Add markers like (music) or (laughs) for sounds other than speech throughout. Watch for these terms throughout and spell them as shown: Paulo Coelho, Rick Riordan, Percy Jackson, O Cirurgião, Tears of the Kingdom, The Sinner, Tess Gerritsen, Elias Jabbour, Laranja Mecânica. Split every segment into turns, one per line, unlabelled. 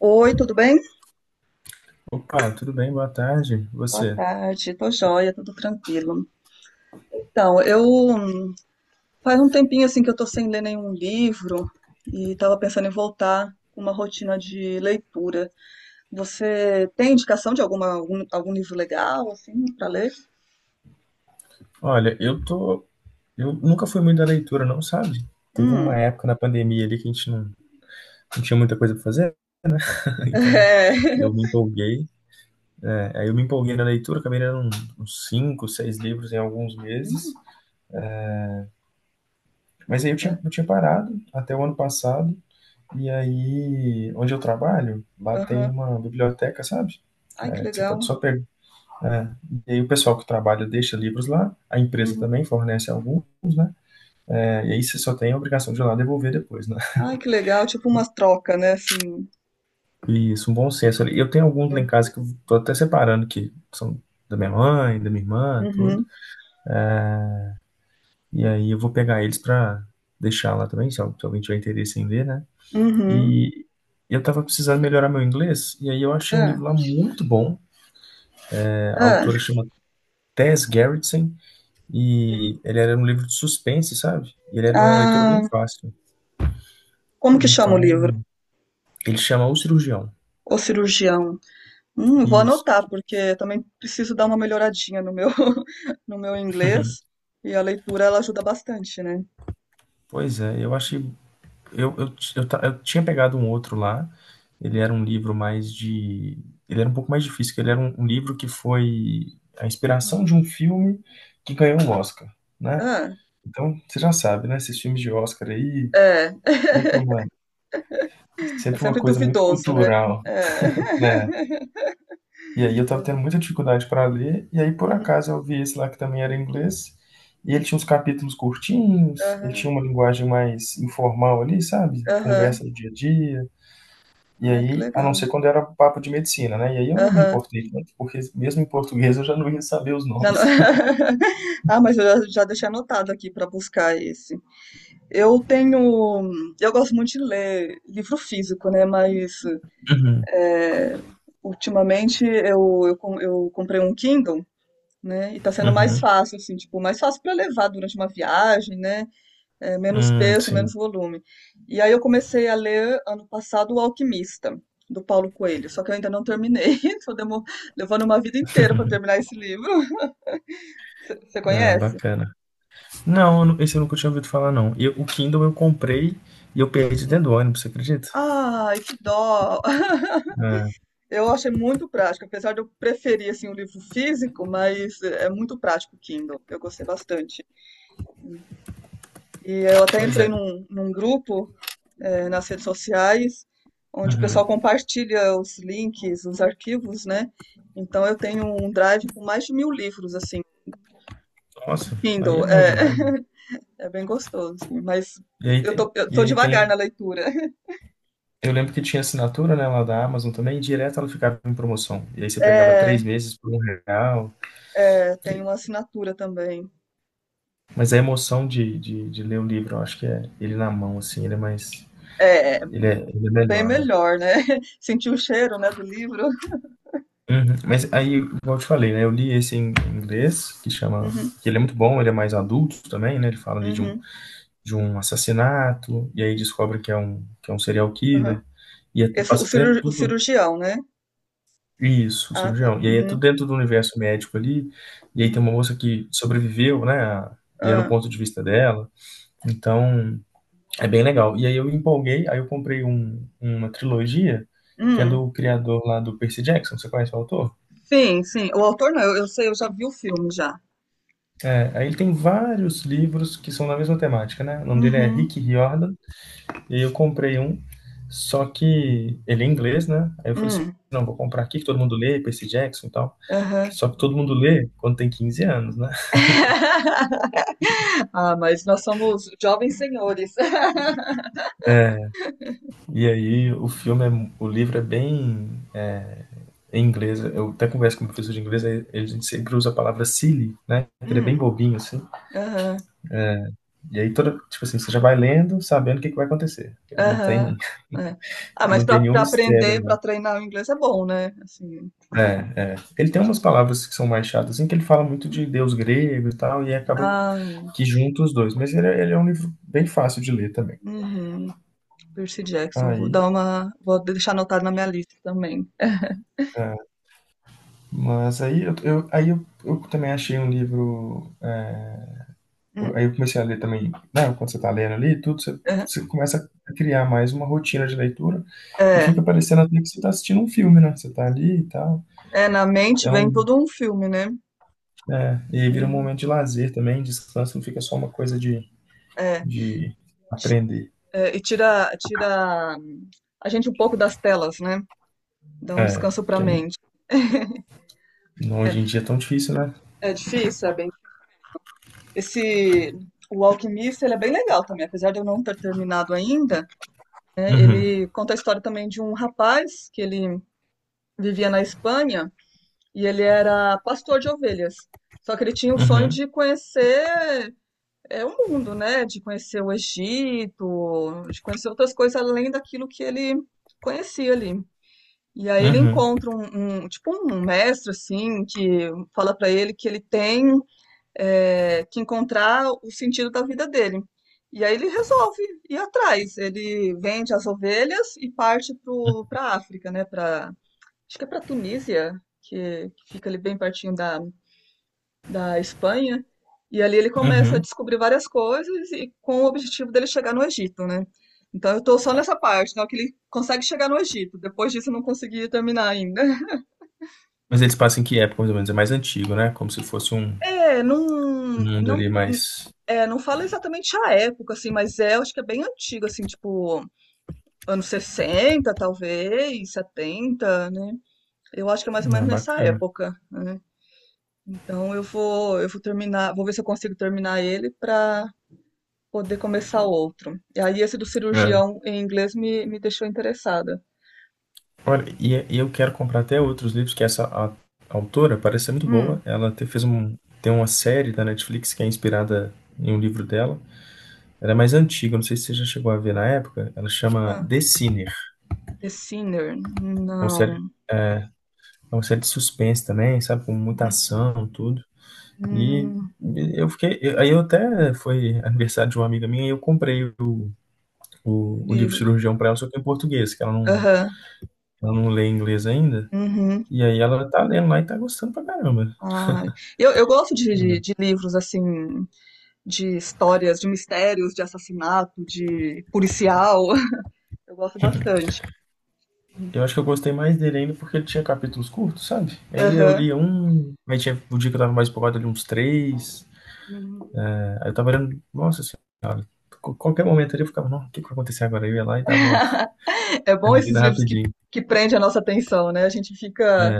Oi, tudo bem?
Opa, tudo bem? Boa tarde.
Boa
Você?
tarde, tô joia, tudo tranquilo. Então, eu faz um tempinho assim que eu tô sem ler nenhum livro e tava pensando em voltar com uma rotina de leitura. Você tem indicação de algum livro legal assim para ler?
Olha, eu tô. Eu nunca fui muito da leitura, não, sabe? Teve uma
Hum.
época na pandemia ali que a gente não tinha muita coisa pra fazer, (laughs)
(laughs)
então
É.
eu me empolguei. É, aí eu me empolguei na leitura, acabei lendo uns cinco, seis livros em alguns meses.
Hum,
Mas aí eu
é.
tinha parado até o ano passado. E aí, onde eu trabalho, lá tem
Aham.
uma biblioteca, sabe?
Ai, que
É, que você pode
legal.
só pegar. É. E aí o pessoal que trabalha deixa livros lá, a empresa
Uhum.
também fornece alguns, né? E aí você só tem a obrigação de ir lá devolver depois, né?
Ai, que legal, tipo umas trocas, né, assim.
E isso, um bom senso ali. Eu tenho alguns lá em
Né?
casa que eu tô até separando, que são da minha mãe, da minha irmã, tudo.
Uhum.
E aí eu vou pegar eles pra deixar lá também, se alguém tiver interesse em ler, né?
Uhum.
E eu tava precisando melhorar meu inglês, e aí eu achei um
Ah,
livro lá muito bom. É, a
ah.
autora chama Tess Gerritsen, e ele era um livro de suspense, sabe? E ele era de uma leitura bem
Ah,
fácil.
como que chama o livro?
Então, ele chama O Cirurgião.
O cirurgião. Vou
Isso.
anotar, porque eu também preciso dar uma melhoradinha no meu, (laughs) no meu inglês. E a leitura, ela ajuda bastante, né?
Pois é, eu achei eu, ti- eu, ta- eu tinha pegado um outro lá. Ele era um livro mais de. Ele era um pouco mais difícil, que ele era um livro que foi a inspiração
Hum.
de um filme que ganhou um Oscar, né?
Ah,
Então, você já sabe, né? Esses filmes de Oscar aí,
é. (laughs)
sempre uma,
É
sempre uma
sempre
coisa muito
duvidoso, né?
cultural,
É.
né?
(laughs)
E aí eu tava tendo
Verdade.
muita dificuldade para ler, e aí por
Uhum.
acaso eu vi esse lá que também era em inglês, e ele tinha uns capítulos curtinhos, ele tinha
Aham,
uma linguagem mais informal ali, sabe?
aham.
Conversa do dia a dia. E
Ai, que
aí, a não
legal.
ser quando era papo de medicina, né, e aí eu não me
Aham.
importei tanto, porque mesmo em português eu já não ia saber os
Já ano-
nomes.
(laughs) Ah, mas eu já, já deixei anotado aqui para buscar esse. Eu tenho. Eu gosto muito de ler livro físico, né? Mas
Uhum,
é, ultimamente eu comprei um Kindle. Né? E tá sendo mais
uhum.
fácil, assim, tipo, mais fácil para levar durante uma viagem, né? É, menos peso, menos
Sim.
volume. E aí eu comecei a ler ano passado O Alquimista, do Paulo Coelho, só que eu ainda não terminei. (laughs) Tô demo- Levando uma vida inteira para terminar esse livro. Você
Ah,
conhece?
bacana. Não, esse eu nunca tinha ouvido falar, não. E o Kindle eu comprei e eu perdi
Hum.
dentro do ônibus, você acredita?
Ai, que dó!
Ah,
(laughs) Eu achei muito prático, apesar de eu preferir assim, o livro físico, mas é muito prático o Kindle. Eu gostei bastante. E eu até
pois
entrei
é.
num grupo nas redes sociais, onde o
Uhum.
pessoal compartilha os links, os arquivos, né? Então eu tenho um drive com mais de 1.000 livros, assim, de
Nossa, aí
Kindle.
é bom
É,
demais, né?
(laughs) é bem gostoso, assim, mas eu tô, eu
E
tô
aí
devagar
tem.
na leitura. (laughs)
Eu lembro que tinha assinatura, né, lá da Amazon também, e direto ela ficava em promoção. E aí você pegava
É,
3 meses por R$ 1.
é, tem uma assinatura também.
Mas a emoção de ler o livro, eu acho que é ele na mão, assim, ele é mais
É,
ele é
bem
melhor, né.
melhor, né? (laughs) Sentir o cheiro, né, do livro.
Uhum. Mas aí, igual eu te falei, né, eu li esse em inglês,
Uhum,
que ele é muito bom, ele é mais adulto também, né, ele fala ali
uhum,
de um assassinato, e aí descobre que é um serial
uhum.
killer, e é
Esse,
passa até
cirur- o
tudo
cirurgião, né?
isso, o
Ah, tá.
cirurgião. E aí é tudo
Uhum,
dentro do universo médico ali, e aí tem uma
uhum.
moça que sobreviveu, né, e é no
Ah,
ponto de vista dela. Então é bem legal. E aí eu empolguei, aí eu comprei uma trilogia que é
hum.
do criador lá do Percy Jackson. Você conhece o autor?
Sim, sim. O autor não, eu sei, eu já vi o filme já.
É, aí ele tem vários livros que são da mesma temática, né? O nome dele é
Uhum.
Rick Riordan. E aí eu comprei um, só que ele é inglês, né? Aí eu falei assim,
Hum.
não, vou comprar aqui que todo mundo lê, Percy Jackson e tal.
Aham.
Só que todo mundo lê quando tem 15 anos, né? (laughs)
(laughs) Ah, mas nós somos jovens senhores. (laughs)
É, e aí o filme, é, o livro é bem é em inglês. Eu até converso com o professor de inglês, aí ele sempre usa a palavra silly, né? Que ele é bem
Hum.
bobinho, assim.
Aham.
E aí toda, tipo assim, você já vai lendo, sabendo o que que vai acontecer.
Aham. É. Ah,
Ele
mas
não
para
tem nenhum mistério,
aprender, para
não.
treinar o inglês é bom, né? Assim,
É, é. Ele tem
a
umas
gente...
palavras que são mais chatas, assim, que ele fala muito de deus grego e tal, e acaba
Ah,
que junta os dois. Mas ele, ele é um livro bem fácil de ler também.
uhum. Percy Jackson. Vou
Aí,
dar uma... Vou deixar anotado na minha lista também. (laughs)
é, mas eu também achei um livro. É,
Hum,
aí eu comecei a ler também, né? Quando você tá lendo ali, tudo,
é,
você começa a criar mais uma rotina de leitura e
é,
fica parecendo até que você tá assistindo um filme, né? Você tá ali e tal.
é, na mente
É
vem
um
todo um filme, né?
É, e aí vira um
Uhum,
momento de lazer também, descanso, não fica só uma coisa
é,
de
ti-
aprender.
é, e tira, a gente um pouco das telas, né? Dá um
É,
descanso para a
que é um-
mente.
não,
É,
hoje em dia é tão difícil, né?
é difícil, é bem. Esse. O Alquimista, ele é bem legal também, apesar de eu não ter terminado ainda. Né,
Uhum,
ele conta a história também de um rapaz que ele vivia na Espanha e ele era pastor de ovelhas. Só que ele tinha o sonho
uhum,
de conhecer o mundo, né? De conhecer o Egito, de conhecer outras coisas além daquilo que ele conhecia ali. E aí ele
uhum,
encontra tipo um mestre assim que fala para ele que ele tem que encontrar o sentido da vida dele. E aí ele resolve ir atrás. Ele vende as ovelhas e parte para a África, né? Pra, acho que é para a Tunísia, que fica ali bem pertinho da, da Espanha. E ali ele começa a
uhum.
descobrir várias coisas e com o objetivo dele chegar no Egito, né? Então eu tô só nessa parte, né? Que ele consegue chegar no Egito. Depois disso eu não consegui terminar ainda.
Mas eles passam em que época, mais ou menos? É mais antigo, né? Como se fosse um
É,
mundo ali mais...
é, não fala exatamente a época, assim, mas é, eu acho que é bem antigo, assim, tipo, anos 60 talvez, 70, né? Eu acho que é mais ou
Não, é
menos nessa
bacana.
época, né? Então eu vou terminar, vou ver se eu consigo terminar ele para poder começar outro. E aí esse do
É.
cirurgião em inglês me deixou interessada.
Olha, e eu quero comprar até outros livros, que autora parece ser muito boa.
Hum,
Ela te, fez um, tem uma série da Netflix que é inspirada em um livro dela. Ela é mais antiga, não sei se você já chegou a ver na época. Ela chama
ah,
The Sinner.
The Sinner,
É uma série,
não.
é uma série de suspense também, sabe? Com muita
(laughs)
ação, tudo. E
Hum,
eu fiquei. Aí eu até foi aniversário de uma amiga minha e eu comprei o livro
livro.
Cirurgião pra ela, só que em português, que
Aham,
ela não lê inglês ainda.
uhum.
E aí ela tá lendo lá e tá gostando pra caramba.
Ai, eu gosto de livros assim, de histórias, de mistérios, de assassinato, de policial. (laughs) Eu gosto bastante.
Eu acho que eu gostei mais dele ainda porque ele tinha capítulos curtos, sabe? E aí eu
Aham.
lia um, aí tinha o dia que eu tava mais empolgado ali uns três. Aí eu tava olhando, nossa senhora, qualquer momento ali eu ficava, não, o que que vai acontecer agora? Eu ia lá e dava uma (laughs)
É bom esses
lida
livros
rapidinho.
que prendem a nossa atenção, né? A gente fica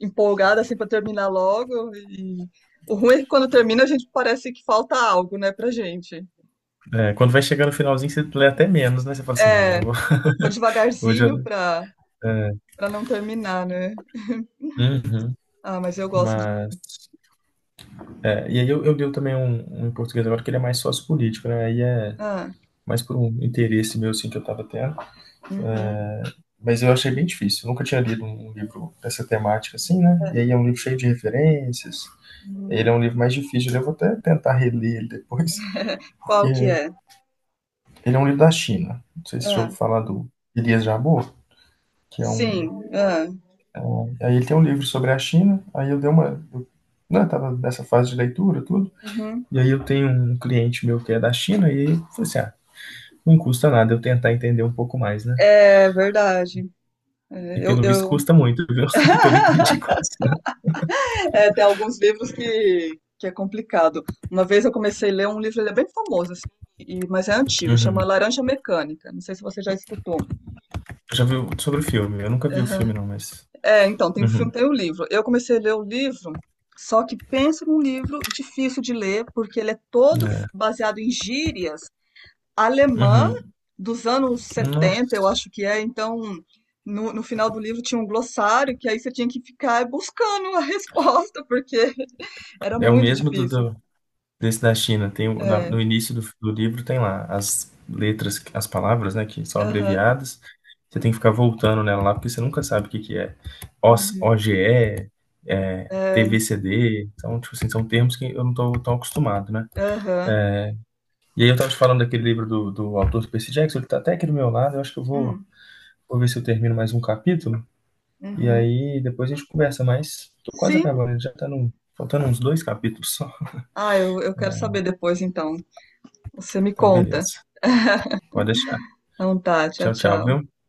empolgada assim para terminar logo e o ruim é que quando termina a gente parece que falta algo, né, pra gente.
É, quando vai chegar no finalzinho, você lê até menos, né? Você fala assim, não, agora
É,
eu vou.
vou
(laughs) Hoje
devagarzinho
eu.
pra, pra não terminar, né?
Uhum.
Ah, mas eu gosto de.
Mas. É, e aí eu leio também um em português agora que ele é mais sociopolítico, né? Aí é
Ah,
mais por um interesse meu, assim, que eu tava tendo.
uhum,
Mas eu achei bem difícil. Eu nunca tinha lido um livro dessa temática, assim, né? E aí é um livro cheio de referências. Ele
uhum.
é um livro mais difícil. Eu vou até tentar reler ele depois, (laughs) porque
Qual que é?
ele é um livro da China. Não sei se você já
Ah.
ouviu falar do Elias Jabbour, que é um
Sim, é.
É, aí ele tem um livro sobre a China, aí eu dei uma. Eu, né, eu tava nessa fase de leitura, tudo.
Uhum.
E aí eu tenho um cliente meu que é da China, e aí eu falei assim: ah, não custa nada eu tentar entender um pouco mais, né?
É verdade.
E
É,
pelo visto
eu...
custa muito, viu? (laughs) Porque eu não entendi
(laughs)
quase nada.
É, tem alguns livros que é complicado. Uma vez eu comecei a ler um livro, ele é bem famoso, assim, e- mas é antigo,
Uhum.
chama Laranja Mecânica. Não sei se você já escutou.
Já viu sobre o filme? Eu nunca vi o
Aham.
filme, não, mas.
É, então, tem o filme,
Uhum.
tem o livro. Eu comecei a ler o livro, só que penso num livro difícil de ler, porque ele é todo
É.
baseado em gírias alemã
Uhum.
dos anos 70, eu
Nossa.
acho que é. Então, no final do livro tinha um glossário que aí você tinha que ficar buscando a (laughs) resposta, porque era
É o
muito
mesmo
difícil.
desse da China, tem
É,
no início do livro tem lá as letras, as palavras, né, que são
aham,
abreviadas. Você tem que ficar voltando nela lá, porque você nunca sabe o que que é. OS
uhum,
OGE, é,
é,
TVCD, então, tipo assim, são termos que eu não tô tão acostumado, né?
aham,
E aí eu tava te falando daquele livro do autor do Percy Jackson, ele tá até aqui do meu lado, eu acho que eu vou,
hum,
vou ver se eu termino mais um capítulo, e
uhum.
aí depois a gente conversa mais. Tô quase
Sim.
acabando, ele já tá no, faltando uns dois capítulos só.
Ah, eu quero saber depois, então. Você me
Então,
conta.
beleza. Pode deixar.
Então tá, tchau,
Tchau, tchau,
tchau.
viu?